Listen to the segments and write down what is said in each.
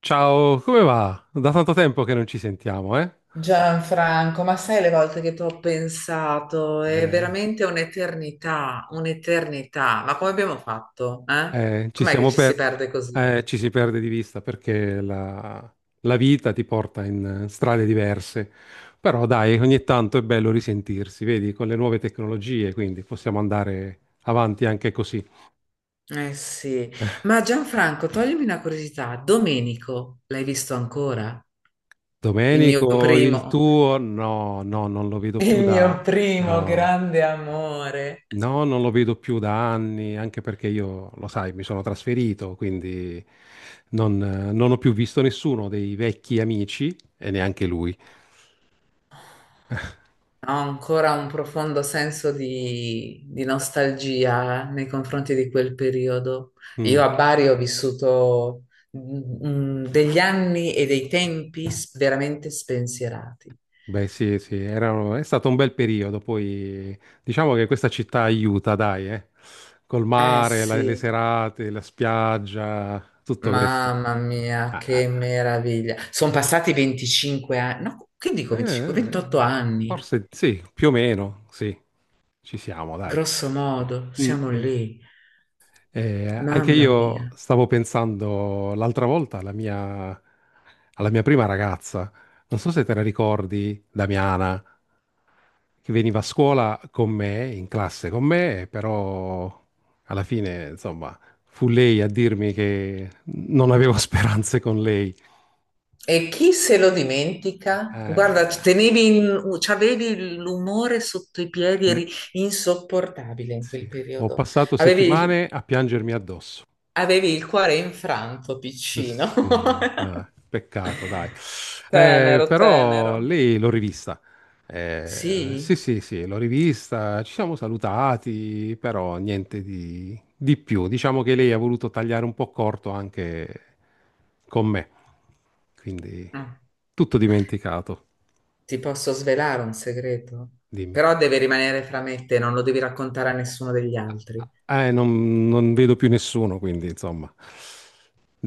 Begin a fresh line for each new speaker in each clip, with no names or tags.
Ciao, come va? Da tanto tempo che non ci sentiamo, eh?
Gianfranco, ma sai le volte che ti ho pensato? È
Eh,
veramente un'eternità, un'eternità. Ma come abbiamo fatto? Eh?
ci
Com'è che
siamo
ci si
per...
perde così?
ci si perde di vista perché la vita ti porta in strade diverse. Però dai, ogni tanto è bello risentirsi, vedi, con le nuove tecnologie, quindi possiamo andare avanti anche così.
Eh sì, ma Gianfranco, toglimi una curiosità. Domenico, l'hai visto ancora? Il mio
Domenico, il
primo,
tuo? No, no, non lo vedo più
il mio
da...
primo
No.
grande amore.
No, non lo vedo più da anni, anche perché io, lo sai, mi sono trasferito, quindi non ho più visto nessuno dei vecchi amici e neanche lui.
Ho ancora un profondo senso di nostalgia nei confronti di quel periodo. Io
Mm.
a Bari ho vissuto degli anni e dei tempi veramente spensierati.
Beh, sì, sì, è stato un bel periodo. Poi diciamo che questa città aiuta, dai, eh. Col
Eh
mare, le
sì,
serate, la spiaggia, tutto questo.
mamma mia,
Ah, ah,
che
ah.
meraviglia. Sono passati 25 anni, no, che dico
Eh,
25?
eh,
28 anni,
forse sì, più o meno, sì, ci siamo, dai.
grosso modo,
Mm,
siamo
mm.
lì.
Anche
Mamma
io
mia.
stavo pensando l'altra volta alla alla mia prima ragazza, non so se te la ricordi, Damiana, che veniva a scuola con me, in classe con me, però alla fine, insomma, fu lei a dirmi che non avevo speranze con lei.
E chi se lo dimentica? Guarda, ci
Eh,
tenevi c'avevi l'umore sotto i piedi,
mm,
eri insopportabile in quel
sì. Ho
periodo.
passato
Avevi,
settimane a piangermi addosso.
avevi il cuore infranto, piccino.
Sì, vabbè, peccato, dai.
Tenero, tenero.
Però lei l'ho rivista. Sì,
Sì?
sì, sì, l'ho rivista, ci siamo salutati, però niente di più. Diciamo che lei ha voluto tagliare un po' corto anche con me, quindi
Ah,
tutto dimenticato,
ti posso svelare un segreto?
dimmi.
Però deve rimanere fra me e te, non lo devi raccontare a nessuno degli altri.
Non vedo più nessuno, quindi insomma,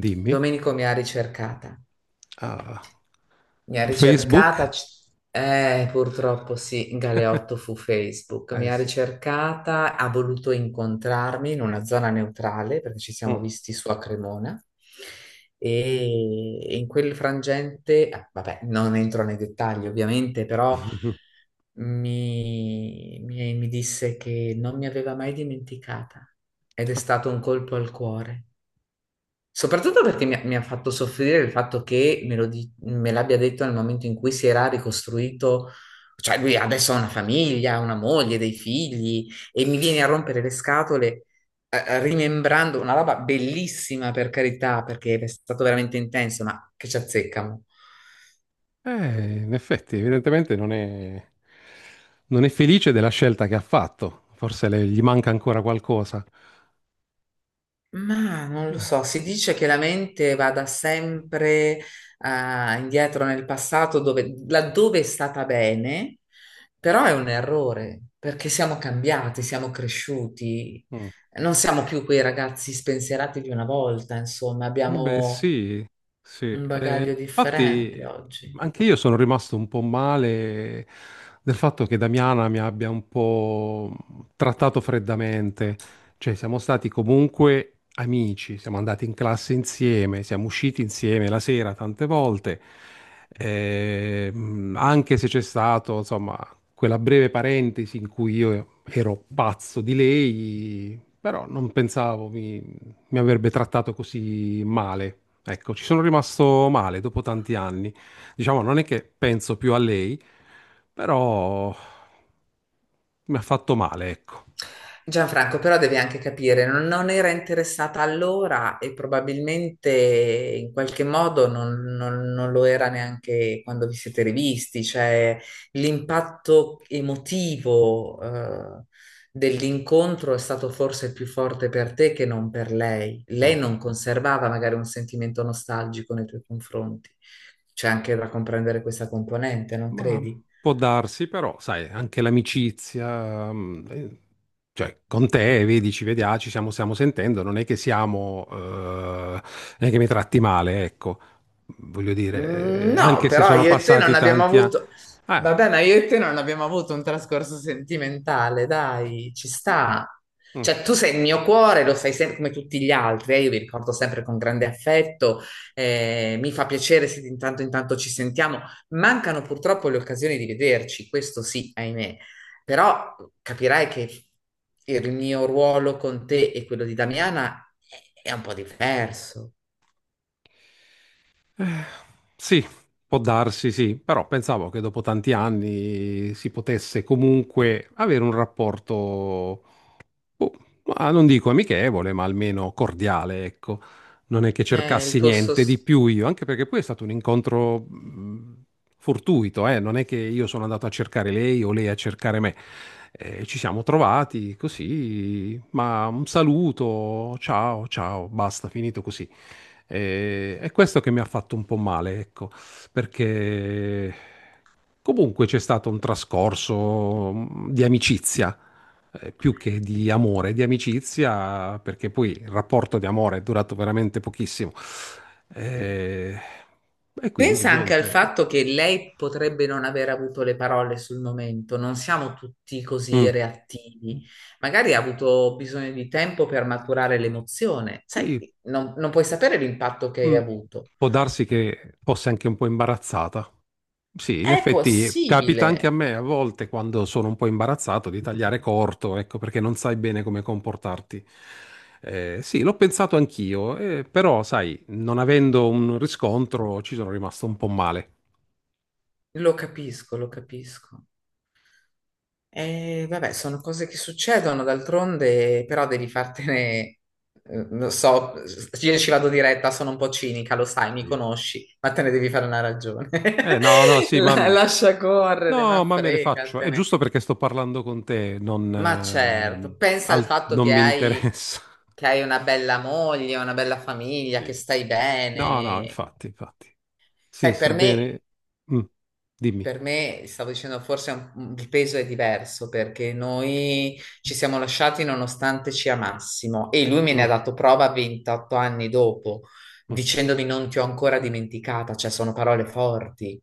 dimmi.
Domenico mi ha ricercata.
Ah,
Mi ha
su Facebook?
ricercata, purtroppo sì, Galeotto fu Facebook, mi
Eh
ha
sì.
ricercata, ha voluto incontrarmi in una zona neutrale perché ci siamo visti su a Cremona e in quel frangente, vabbè, non entro nei dettagli ovviamente, però
Mm.
mi disse che non mi aveva mai dimenticata ed è stato un colpo al cuore. Soprattutto perché mi ha fatto soffrire il fatto che me lo me l'abbia detto nel momento in cui si era ricostruito, cioè lui adesso ha una famiglia, una moglie, dei figli e mi viene a rompere le scatole rimembrando una roba bellissima per carità, perché è stato veramente intenso, ma che ci azzeccano.
In effetti, evidentemente non è, non è felice della scelta che ha fatto. Forse gli manca ancora qualcosa.
Ma non lo so, si dice che la mente vada sempre indietro nel passato dove, laddove è stata bene, però è un errore perché siamo cambiati, siamo cresciuti,
Mm.
non siamo più quei ragazzi spensierati di una volta, insomma,
Beh,
abbiamo
sì, sì.
un bagaglio differente
Infatti,
oggi.
anche io sono rimasto un po' male del fatto che Damiana mi abbia un po' trattato freddamente. Cioè, siamo stati comunque amici, siamo andati in classe insieme, siamo usciti insieme la sera tante volte. Anche se c'è stato, insomma, quella breve parentesi in cui io ero pazzo di lei, però non pensavo mi avrebbe trattato così male. Ecco, ci sono rimasto male dopo tanti anni. Diciamo, non è che penso più a lei, però mi ha fatto male, ecco.
Gianfranco, però devi anche capire, non era interessata allora e probabilmente in qualche modo non lo era neanche quando vi siete rivisti, cioè l'impatto emotivo, dell'incontro è stato forse più forte per te che non per lei.
Mm.
Lei non conservava magari un sentimento nostalgico nei tuoi confronti. C'è anche da comprendere questa componente, non
Ma
credi?
può darsi, però, sai, anche l'amicizia, cioè, con te, vedi, ci vediamo, stiamo sentendo, non è che non è che mi tratti male, ecco. Voglio
Mm,
dire,
no,
anche se
però
sono
io e te non
passati
abbiamo
tanti anni...
avuto.
Ah,
Vabbè, ma io e te non abbiamo avuto un trascorso sentimentale, dai, ci sta.
mm.
Cioè, tu sei il mio cuore, lo sai sempre come tutti gli altri, io vi ricordo sempre con grande affetto, mi fa piacere se di intanto in tanto ci sentiamo. Mancano purtroppo le occasioni di vederci, questo sì, ahimè. Però capirai che il mio ruolo con te e quello di Damiana è un po' diverso.
Eh, sì, può darsi, sì, però pensavo che dopo tanti anni si potesse comunque avere un rapporto. Boh, ma non dico amichevole, ma almeno cordiale, ecco. Non è che
Il
cercassi
tuo
niente di
sospiro.
più io, anche perché poi è stato un incontro fortuito, eh. Non è che io sono andato a cercare lei o lei a cercare me. Ci siamo trovati così, ma un saluto, ciao, ciao, basta, finito così. È questo che mi ha fatto un po' male, ecco, perché comunque c'è stato un trascorso di amicizia più che di amore, di amicizia, perché poi il rapporto di amore è durato veramente pochissimo. Eh, e quindi
Pensa anche al
niente.
fatto che lei potrebbe non aver avuto le parole sul momento, non siamo tutti così
Mm.
reattivi. Magari ha avuto bisogno di tempo per maturare l'emozione, sai,
Sì,
non puoi sapere l'impatto che hai
mm.
avuto.
Può darsi che fosse anche un po' imbarazzata. Sì, in
È
effetti capita anche
possibile,
a me a volte quando sono un po' imbarazzato di tagliare corto, ecco, perché non sai bene come comportarti. Sì, l'ho pensato anch'io, però sai, non avendo un riscontro ci sono rimasto un po' male.
lo capisco, lo capisco. Vabbè, sono cose che succedono, d'altronde, però devi fartene, lo so, io ci vado diretta, sono un po' cinica, lo sai, mi
Sì.
conosci, ma te ne devi fare una ragione.
Eh, no, no, sì, ma,
Lascia correre,
no,
ma
ma me ne faccio. È
fregatene.
giusto perché sto parlando con te,
Ma certo, pensa al fatto
non mi interessa.
che hai una bella moglie, una bella famiglia, che
Sì.
stai
No, no,
bene.
infatti, infatti. Sì,
Sai, per
sto
me.
bene. Mm, dimmi.
Per me, stavo dicendo, forse è il peso è diverso perché noi ci siamo lasciati nonostante ci amassimo e lui me ne ha
Mm,
dato prova 28 anni dopo,
mm,
dicendomi non ti ho ancora dimenticata, cioè sono parole forti.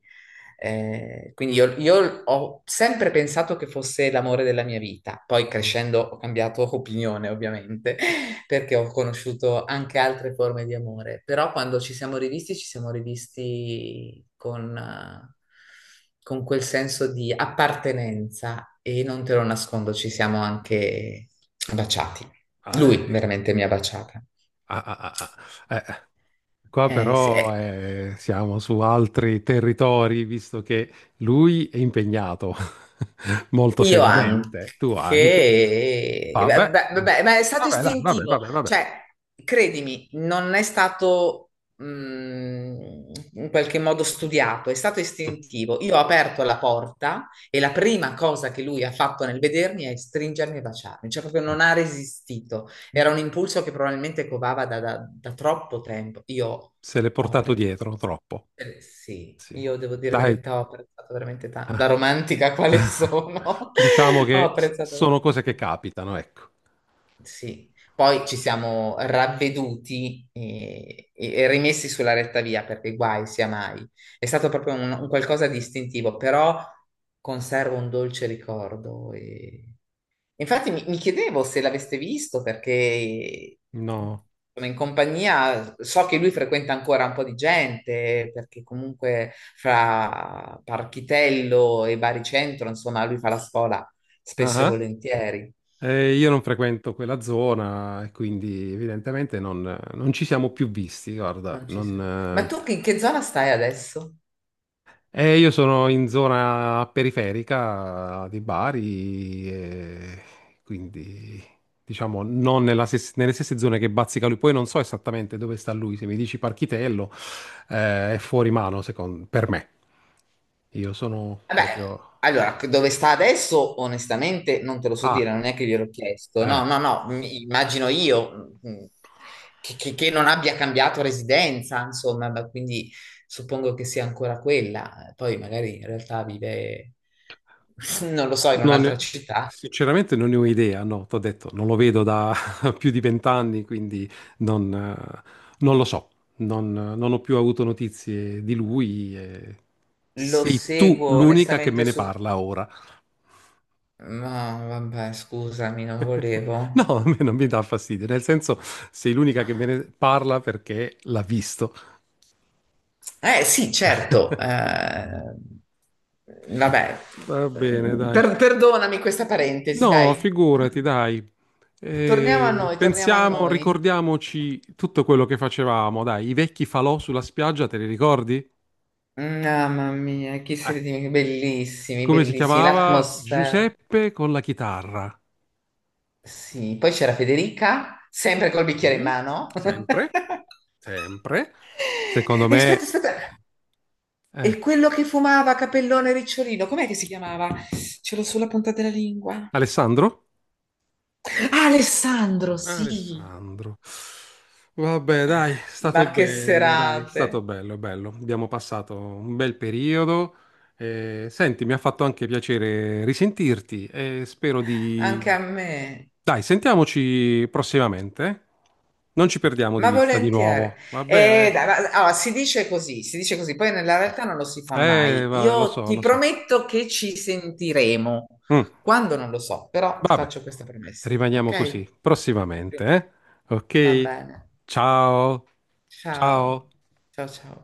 Quindi io ho sempre pensato che fosse l'amore della mia vita, poi
mm.
crescendo ho cambiato opinione, ovviamente, perché ho conosciuto anche altre forme di amore, però quando ci siamo rivisti, con quel senso di appartenenza e non te lo nascondo, ci siamo anche baciati.
Ah, eh.
Lui veramente mi ha baciata.
Ah, ah, ah, ah. Qua
Sì.
però
Eh,
eh, siamo su altri territori, visto che lui è impegnato molto
io
seriamente,
anche,
tu anche.
beh,
Vabbè,
beh, beh, ma è stato
vabbè, dai, vabbè,
istintivo,
vabbè, vabbè.
cioè, credimi, non è stato in qualche modo studiato, è stato
Mm.
istintivo. Io ho aperto la porta e la prima cosa che lui ha fatto nel vedermi è stringermi e baciarmi, cioè proprio
Eh.
non ha resistito. Era un impulso che probabilmente covava da troppo tempo. Io
Se l'è
ho
portato
apprezzato.
dietro troppo.
Sì,
Sì.
io devo dire la
Dai.
verità, ho apprezzato veramente tanto, da
Ah.
romantica quale sono,
Diciamo
ho
che
apprezzato
sono
veramente
cose che
tanto.
capitano, ecco.
Sì, poi ci siamo ravveduti e rimessi sulla retta via perché guai sia mai. È stato proprio un qualcosa di istintivo, però conservo un dolce ricordo e. Infatti mi chiedevo se l'aveste visto perché
No.
sono in compagnia, so che lui frequenta ancora un po' di gente, perché comunque fra Parchitello e Baricentro, insomma, lui fa la scuola
Ah,
spesso e
ah.
volentieri.
Io non frequento quella zona e quindi evidentemente non ci siamo più visti, guarda,
Non ci sei. Ma
non.
tu in che zona stai adesso?
Io sono in zona periferica di Bari, e quindi diciamo non nella nelle stesse zone che bazzica lui. Poi non so esattamente dove sta lui, se mi dici Parchitello, è fuori mano per me. Io sono
Vabbè,
proprio...
allora, dove sta adesso, onestamente, non te lo so dire,
Ah,
non è che gliel'ho chiesto.
eh.
No, no, no, immagino io che non abbia cambiato residenza, insomma, ma quindi suppongo che sia ancora quella. Poi magari in realtà vive, non lo so, in
Non ne-
un'altra città.
Sinceramente non ne ho idea, no, t'ho detto, non lo vedo da più di vent'anni, quindi non, eh, non lo so, non ho più avuto notizie di lui. E
Lo
sei tu
seguo
l'unica che me
onestamente
ne
su...
parla ora.
No, vabbè, scusami, non volevo.
No, a me non mi dà fastidio, nel senso sei l'unica che me ne parla perché l'ha visto.
Eh sì, certo. Eh, vabbè,
Va bene, dai.
Perdonami questa parentesi,
No,
dai.
figurati, dai.
Torniamo a noi, torniamo a
Pensiamo,
noi.
ricordiamoci tutto quello che facevamo, dai, i vecchi falò sulla spiaggia, te li ricordi?
Mamma mia,
Eh,
bellissimi,
come si
bellissimi.
chiamava?
L'atmosfera.
Giuseppe con la chitarra.
Sì, poi c'era Federica, sempre col bicchiere in
Sì,
mano.
sempre, sempre. Secondo
E aspetta,
me,
aspetta.
eh,
E quello che fumava, capellone ricciolino, com'è che si chiamava? Ce l'ho sulla punta della lingua.
Alessandro?
Ah, Alessandro, sì.
Alessandro. Vabbè, dai, è stato
Ma che
bello, dai, è stato
serate.
bello, bello. Abbiamo passato un bel periodo. Senti, mi ha fatto anche piacere risentirti e spero di...
Anche a me,
Dai, sentiamoci prossimamente. Eh? Non ci perdiamo di
ma
vista di
volentieri.
nuovo, va bene?
Dai, allora, si dice così, poi nella realtà non lo si fa mai.
Vabbè, lo
Io
so,
ti
lo so.
prometto che ci sentiremo.
Mm,
Quando non lo so, però ti
vabbè,
faccio questa promessa,
rimaniamo così,
ok?
prossimamente, eh?
Va
Ok?
bene.
Ciao, ciao.
Ciao. Ciao ciao.